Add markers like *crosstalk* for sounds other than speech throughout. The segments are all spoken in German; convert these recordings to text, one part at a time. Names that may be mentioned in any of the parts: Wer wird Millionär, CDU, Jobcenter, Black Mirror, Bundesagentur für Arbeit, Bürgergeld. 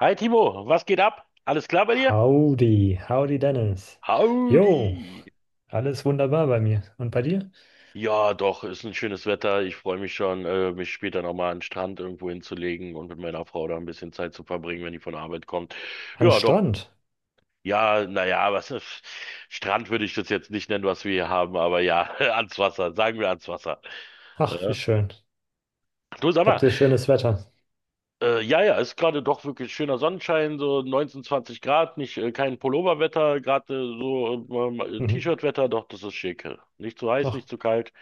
Hi Timo, was geht ab? Alles klar bei dir? Howdy, howdy Dennis. Jo, Howdy! alles wunderbar bei mir. Und bei dir? Ja, doch, ist ein schönes Wetter. Ich freue mich schon, mich später nochmal an den Strand irgendwo hinzulegen und mit meiner Frau da ein bisschen Zeit zu verbringen, wenn die von der Arbeit kommt. An Ja, doch. Strand. Ja, naja, was ist, Strand würde ich das jetzt nicht nennen, was wir hier haben, aber ja, *laughs* ans Wasser, sagen wir ans Wasser. Ach, wie Ja. schön. Du, sag mal, Habt ihr schönes Wetter? Ja, ja, ist gerade doch wirklich schöner Sonnenschein, so 19, 20 Grad, nicht kein Pulloverwetter, gerade Mhm. T-Shirt-Wetter, doch, das ist schick. Nicht zu heiß, Ach, nicht zu kalt,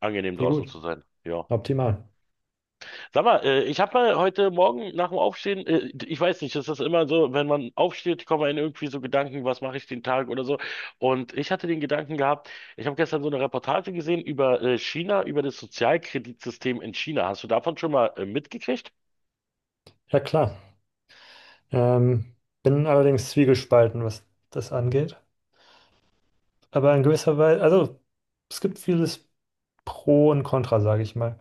angenehm wie draußen gut. zu sein. Ja. Optimal. Sag mal, ich habe mal heute Morgen nach dem Aufstehen, ich weiß nicht, ist das immer so, wenn man aufsteht, kommen einem irgendwie so Gedanken, was mache ich den Tag oder so. Und ich hatte den Gedanken gehabt, ich habe gestern so eine Reportage gesehen über China, über das Sozialkreditsystem in China. Hast du davon schon mal mitgekriegt? Ja, klar. Ähm, Bin allerdings zwiegespalten, was das angeht. Aber in gewisser Weise, also es gibt vieles Pro und Contra, sage ich mal.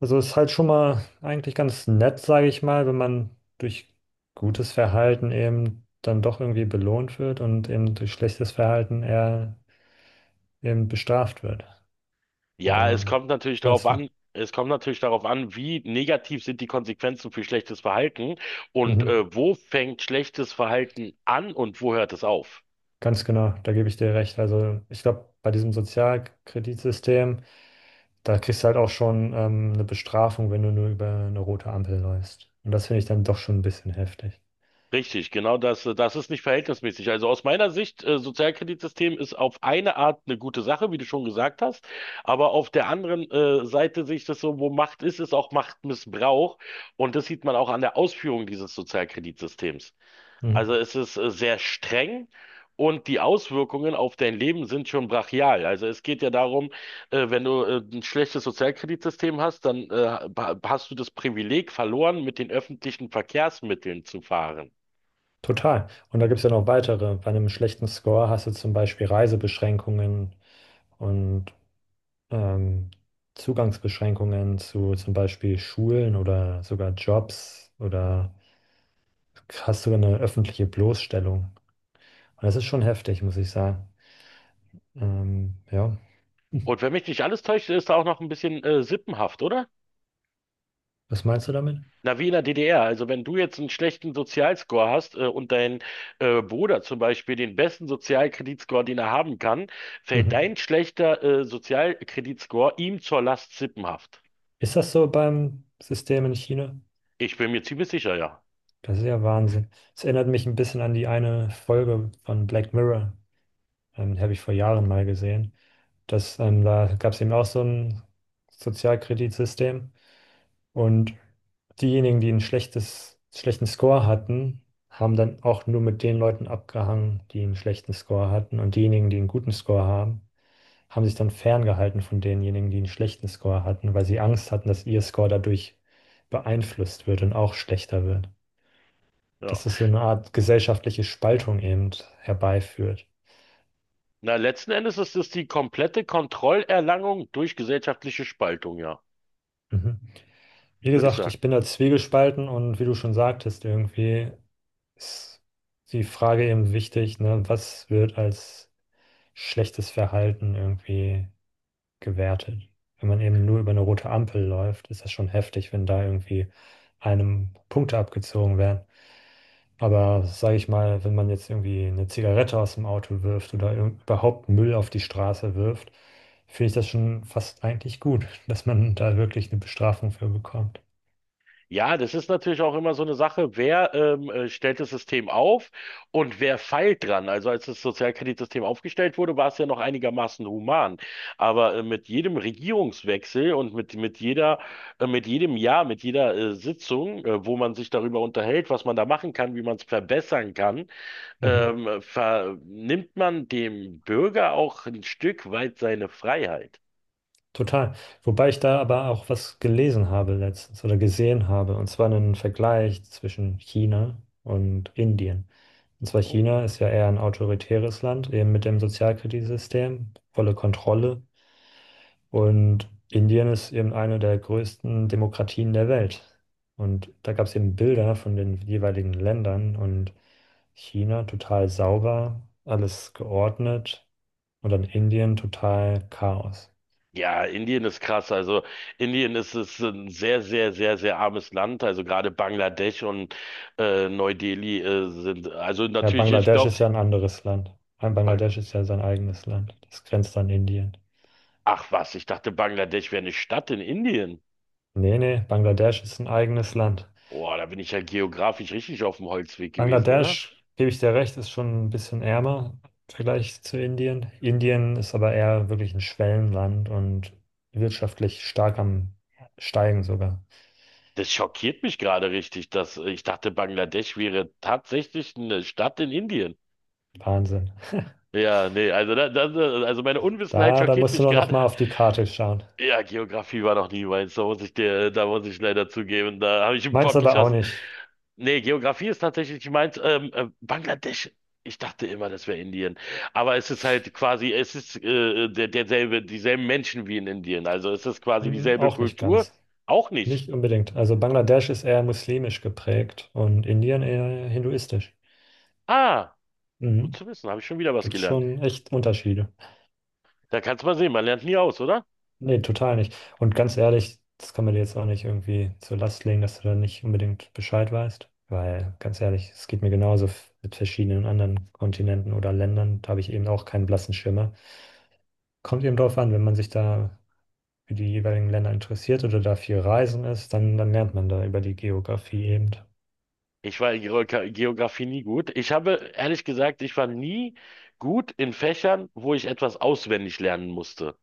Also ist halt schon mal eigentlich ganz nett, sage ich mal, wenn man durch gutes Verhalten eben dann doch irgendwie belohnt wird und eben durch schlechtes Verhalten eher eben bestraft wird. Ja, Aber es kommt natürlich was darauf meinst du? an, wie negativ sind die Konsequenzen für schlechtes Verhalten und Mhm. Wo fängt schlechtes Verhalten an und wo hört es auf? Ganz genau, da gebe ich dir recht. Also ich glaube, bei diesem Sozialkreditsystem da kriegst du halt auch schon eine Bestrafung, wenn du nur über eine rote Ampel läufst. Und das finde ich dann doch schon ein bisschen heftig. Richtig, genau das, das ist nicht verhältnismäßig. Also aus meiner Sicht, Sozialkreditsystem ist auf eine Art eine gute Sache, wie du schon gesagt hast, aber auf der anderen Seite sehe ich das so: Wo Macht ist, ist auch Machtmissbrauch, und das sieht man auch an der Ausführung dieses Sozialkreditsystems. Also Mhm. es ist sehr streng, und die Auswirkungen auf dein Leben sind schon brachial. Also es geht ja darum, wenn du ein schlechtes Sozialkreditsystem hast, dann hast du das Privileg verloren, mit den öffentlichen Verkehrsmitteln zu fahren. Total. Und da gibt es ja noch weitere. Bei einem schlechten Score hast du zum Beispiel Reisebeschränkungen und ähm, Zugangsbeschränkungen zu zum Beispiel Schulen oder sogar Jobs oder hast sogar eine öffentliche Bloßstellung. Und das ist schon heftig, muss ich sagen. Ähm, ja, Und wenn mich nicht alles täuscht, ist da auch noch ein bisschen sippenhaft, oder? was meinst du damit? Na, wie in der DDR. Also wenn du jetzt einen schlechten Sozialscore hast und dein Bruder zum Beispiel den besten Sozialkreditscore, den er haben kann, fällt Mhm. dein schlechter Sozialkreditscore ihm zur Last, sippenhaft. Ist das so beim System in China? Ich bin mir ziemlich sicher, ja. Das ist ja Wahnsinn. Es erinnert mich ein bisschen an die eine Folge von Black Mirror. Die habe ich vor Jahren mal gesehen. Da gab es eben auch so ein Sozialkreditsystem. Und diejenigen, die ein schlechten Score hatten, haben dann auch nur mit den Leuten abgehangen, die einen schlechten Score hatten. Und diejenigen, die einen guten Score haben, haben sich dann ferngehalten von denjenigen, die einen schlechten Score hatten, weil sie Angst hatten, dass ihr Score dadurch beeinflusst wird und auch schlechter wird. Ja. Dass es so eine Art gesellschaftliche Spaltung eben herbeiführt. Na, letzten Endes ist es die komplette Kontrollerlangung durch gesellschaftliche Spaltung, ja, Mhm. Wie würde ich gesagt, sagen. ich bin da zwiegespalten und wie du schon sagtest, irgendwie ist die Frage eben wichtig, ne? Was wird als schlechtes Verhalten irgendwie gewertet? Wenn man eben nur über eine rote Ampel läuft, ist das schon heftig, wenn da irgendwie einem Punkte abgezogen werden. Aber sage ich mal, wenn man jetzt irgendwie eine Zigarette aus dem Auto wirft oder überhaupt Müll auf die Straße wirft, finde ich das schon fast eigentlich gut, *laughs* dass man da wirklich eine Bestrafung für bekommt. Ja, das ist natürlich auch immer so eine Sache, wer stellt das System auf und wer feilt dran. Also als das Sozialkreditsystem aufgestellt wurde, war es ja noch einigermaßen human. Aber mit jedem Regierungswechsel und mit jeder, mit jedem Jahr, mit jeder Sitzung, wo man sich darüber unterhält, was man da machen kann, wie man es verbessern kann, Mhm. Vernimmt man dem Bürger auch ein Stück weit seine Freiheit. Total. Wobei ich da aber auch was gelesen habe letztens oder gesehen habe, und zwar einen Vergleich zwischen China und Indien. Und zwar China ist ja eher ein autoritäres Land, eben mit dem Sozialkreditsystem, volle Kontrolle. Und Indien ist eben eine der größten Demokratien der Welt. Und da gab es eben Bilder von den jeweiligen Ländern und China total sauber, alles geordnet und dann Indien total Chaos. Ja, Indien ist krass. Also Indien ist, ist ein sehr, sehr, sehr, sehr armes Land. Also gerade Bangladesch und Neu-Delhi sind, also Ja, natürlich, ich Bangladesch glaube, ist ja ein anderes Land. Ein Bangladesch ist ja sein eigenes Land. Das grenzt an Indien. ach was, ich dachte, Bangladesch wäre eine Stadt in Indien. Nee, nee, Bangladesch ist ein eigenes Land. Boah, da bin ich ja geografisch richtig auf dem Holzweg gewesen, oder? Bangladesch, gebe ich dir recht, ist schon ein bisschen ärmer im Vergleich zu Indien. Indien ist aber eher wirklich ein Schwellenland und wirtschaftlich stark am Steigen sogar. Das schockiert mich gerade richtig, dass ich dachte, Bangladesch wäre tatsächlich eine Stadt in Indien. Wahnsinn. *laughs* Ja, nee, also da, das, also meine Unwissenheit Da, da schockiert musst du mich doch noch gerade. mal auf die Karte schauen. Ja, Geografie war noch nie meins, da muss ich leider zugeben, da habe ich einen Meins Bock aber auch geschossen. nicht. Nee, Geografie ist tatsächlich nicht meins. Bangladesch, ich dachte immer, das wäre Indien. Aber es ist halt quasi, es ist derselbe, dieselben Menschen wie in Indien. Also es ist quasi Hm, dieselbe auch nicht Kultur. ganz. Auch nicht. Nicht unbedingt. Also Bangladesch ist eher muslimisch geprägt und Indien eher hinduistisch. Ah, gut Mhm. zu wissen, habe ich schon wieder was Gibt es gelernt. schon echt Unterschiede. Da kannst du mal sehen, man lernt nie aus, oder? Nee, total nicht. Und ganz ehrlich, das kann man dir jetzt auch nicht irgendwie zur Last legen, dass du da nicht unbedingt Bescheid weißt. Weil, ganz ehrlich, es geht mir genauso mit verschiedenen anderen Kontinenten oder Ländern. Da habe ich eben auch keinen blassen Schimmer. Kommt eben drauf an, wenn man sich da für die jeweiligen Länder interessiert oder da viel reisen ist, dann lernt man da über die Geografie eben. Ich war in Geografie nie gut. Ich habe, ehrlich gesagt, ich war nie gut in Fächern, wo ich etwas auswendig lernen musste.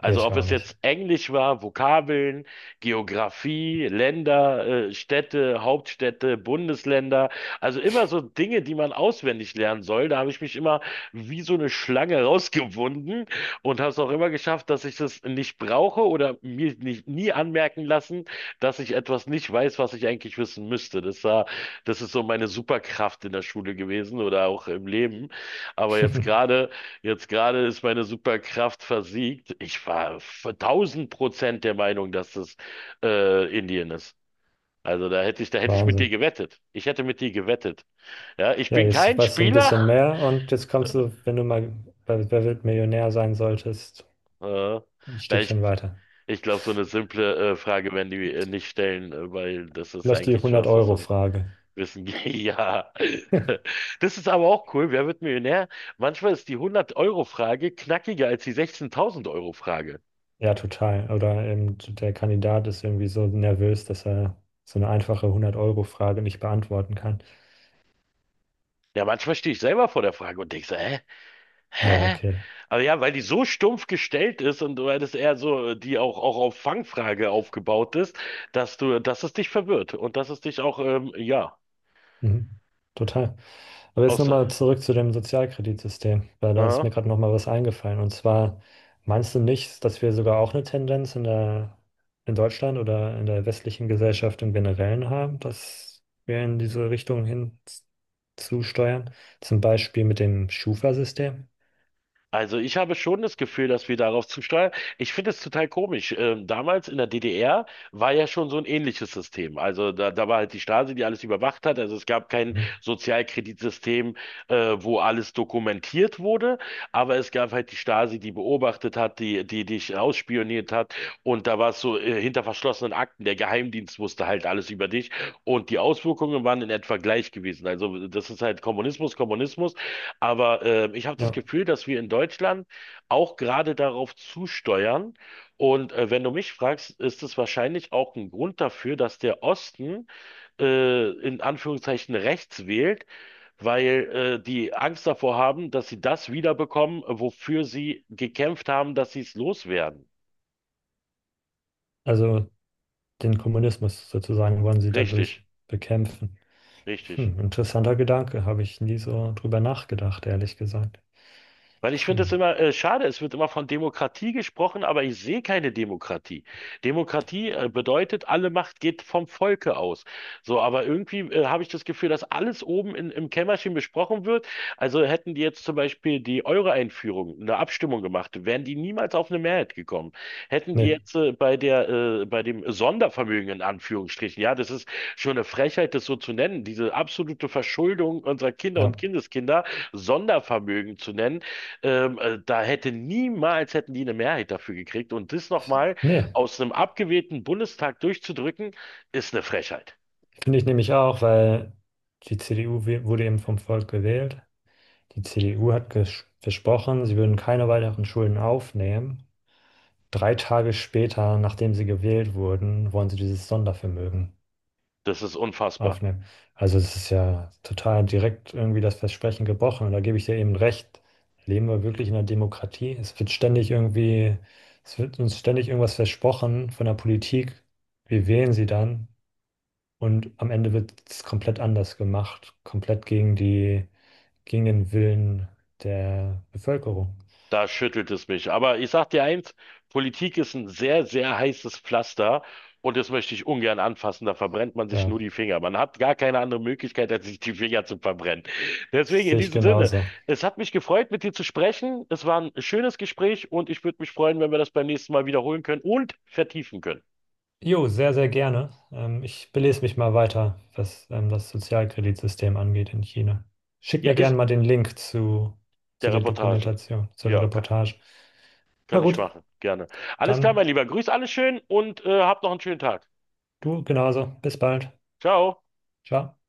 Nee, ich ob auch es nicht. jetzt Englisch war, Vokabeln, Geografie, Länder, Städte, Hauptstädte, Bundesländer. Also immer so Dinge, die man auswendig lernen soll. Da habe ich mich immer wie so eine Schlange *laughs* rausgewunden und habe es auch immer geschafft, dass ich das nicht brauche oder mir nicht, nie anmerken lassen, dass ich etwas nicht weiß, was ich eigentlich wissen müsste. Das ist so meine Superkraft in der Schule gewesen oder auch im Leben. Aber *laughs* jetzt gerade ist meine Superkraft versiegt. Ich war 1000% der Meinung, dass das Indien ist. Also da hätte ich mit dir Wahnsinn. gewettet. Ich hätte mit dir gewettet. Ja, ich Ja, bin jetzt kein weißt du ein Spieler. bisschen mehr und jetzt *laughs* kommst du, wenn du mal bei Wer wird Millionär sein solltest, Äh, ein na, Stückchen weiter. ich glaube, so eine simple Frage werden die nicht stellen, weil das ist Vielleicht die eigentlich was, was so 100-Euro-Frage. Wissen, *laughs* ja. Das ist aber auch cool. Wer wird Millionär? Manchmal ist die 100 Euro Frage knackiger als die 16.000 Euro Frage. Ja, total. Oder eben der Kandidat ist irgendwie so nervös, dass er so eine einfache 100-Euro-Frage nicht beantworten kann. Ja, manchmal stehe ich selber vor der Frage und denke so, hä? Naja, Hä? okay. Aber ja, weil die so stumpf gestellt ist und weil das eher so, die auch, auch auf Fangfrage aufgebaut ist, dass du, dass es dich verwirrt und dass es dich auch, ja, Mhm. Total. Aber jetzt aus, nochmal zurück zu dem Sozialkreditsystem, weil da ist äh, mir gerade nochmal was eingefallen. Und zwar, meinst du nicht, dass wir sogar auch eine Tendenz in Deutschland oder in der westlichen Gesellschaft im Generellen haben, dass wir in diese Richtung hin zusteuern? Zum Beispiel mit dem Schufa-System. Also ich habe schon das Gefühl, dass wir darauf zusteuern. Ich finde es total komisch. Damals in der DDR war ja schon so ein ähnliches System. Also da, da war halt die Stasi, die alles überwacht hat. Also es gab kein Mhm. Sozialkreditsystem, äh, wo alles dokumentiert wurde, aber es gab halt die Stasi, die beobachtet hat, die, die dich ausspioniert hat. Und da war es so, hinter verschlossenen Akten. Der Geheimdienst wusste halt alles über dich. Und die Auswirkungen waren in etwa gleich gewesen. Also das ist halt Kommunismus, Kommunismus. Aber ich habe das Ja, Gefühl, dass wir in Deutschland auch gerade darauf zusteuern. Und wenn du mich fragst, ist es wahrscheinlich auch ein Grund dafür, dass der Osten in Anführungszeichen rechts wählt, weil die Angst davor haben, dass sie das wiederbekommen, wofür sie gekämpft haben, dass sie es loswerden. also den Kommunismus sozusagen wollen sie Richtig, dadurch bekämpfen. richtig. Hm, interessanter Gedanke, habe ich nie so drüber nachgedacht, ehrlich gesagt. Weil ich finde Hm. es immer schade, es wird immer von Demokratie gesprochen, aber ich sehe keine Demokratie. Demokratie bedeutet, alle Macht geht vom Volke aus. So, aber irgendwie habe ich das Gefühl, dass alles oben in, im Kämmerchen besprochen wird. Also hätten die jetzt zum Beispiel die Euro-Einführung, eine Abstimmung gemacht, wären die niemals auf eine Mehrheit gekommen. Hätten die Nee. jetzt bei der, bei dem Sondervermögen in Anführungsstrichen, ja, das ist schon eine Frechheit, das so zu nennen, diese absolute Verschuldung unserer Kinder und Ja. Kindeskinder, Sondervermögen zu nennen, da hätte niemals hätten die eine Mehrheit dafür gekriegt. Und das nochmal Nee, aus einem abgewählten Bundestag durchzudrücken, ist eine Frechheit. finde ich nämlich auch, weil die CDU wurde eben vom Volk gewählt. Die CDU hat versprochen, sie würden keine weiteren Schulden aufnehmen. 3 Tage später, nachdem sie gewählt wurden, wollen sie dieses Sondervermögen Das ist unfassbar. aufnehmen. Also es ist ja total direkt irgendwie das Versprechen gebrochen. Und da gebe ich dir eben recht. Leben wir wirklich in einer Demokratie? Es wird ständig irgendwie, es wird uns ständig irgendwas versprochen von der Politik. Wir wählen sie dann. Und am Ende wird es komplett anders gemacht, komplett gegen gegen den Willen der Bevölkerung. Da schüttelt es mich. Aber ich sag dir eins, Politik ist ein sehr, sehr heißes Pflaster, und das möchte ich ungern anfassen. Da verbrennt man sich Ja, nur die Finger. Man hat gar keine andere Möglichkeit, als sich die Finger zu verbrennen. das Deswegen in sehe ich diesem Sinne, genauso. es hat mich gefreut, mit dir zu sprechen. Es war ein schönes Gespräch, und ich würde mich freuen, wenn wir das beim nächsten Mal wiederholen können und vertiefen können. Jo, sehr, sehr gerne. Ich belese mich mal weiter, was das Sozialkreditsystem angeht in China. Schick Ja, mir ist gerne mal den Link zu der der Reportage. Dokumentation, zu der Ja, Reportage. Na kann ich gut, machen. Gerne. Alles klar, dann mein Lieber. Grüß alle schön und habt noch einen schönen Tag. du genauso. Bis bald. Ciao. Ciao.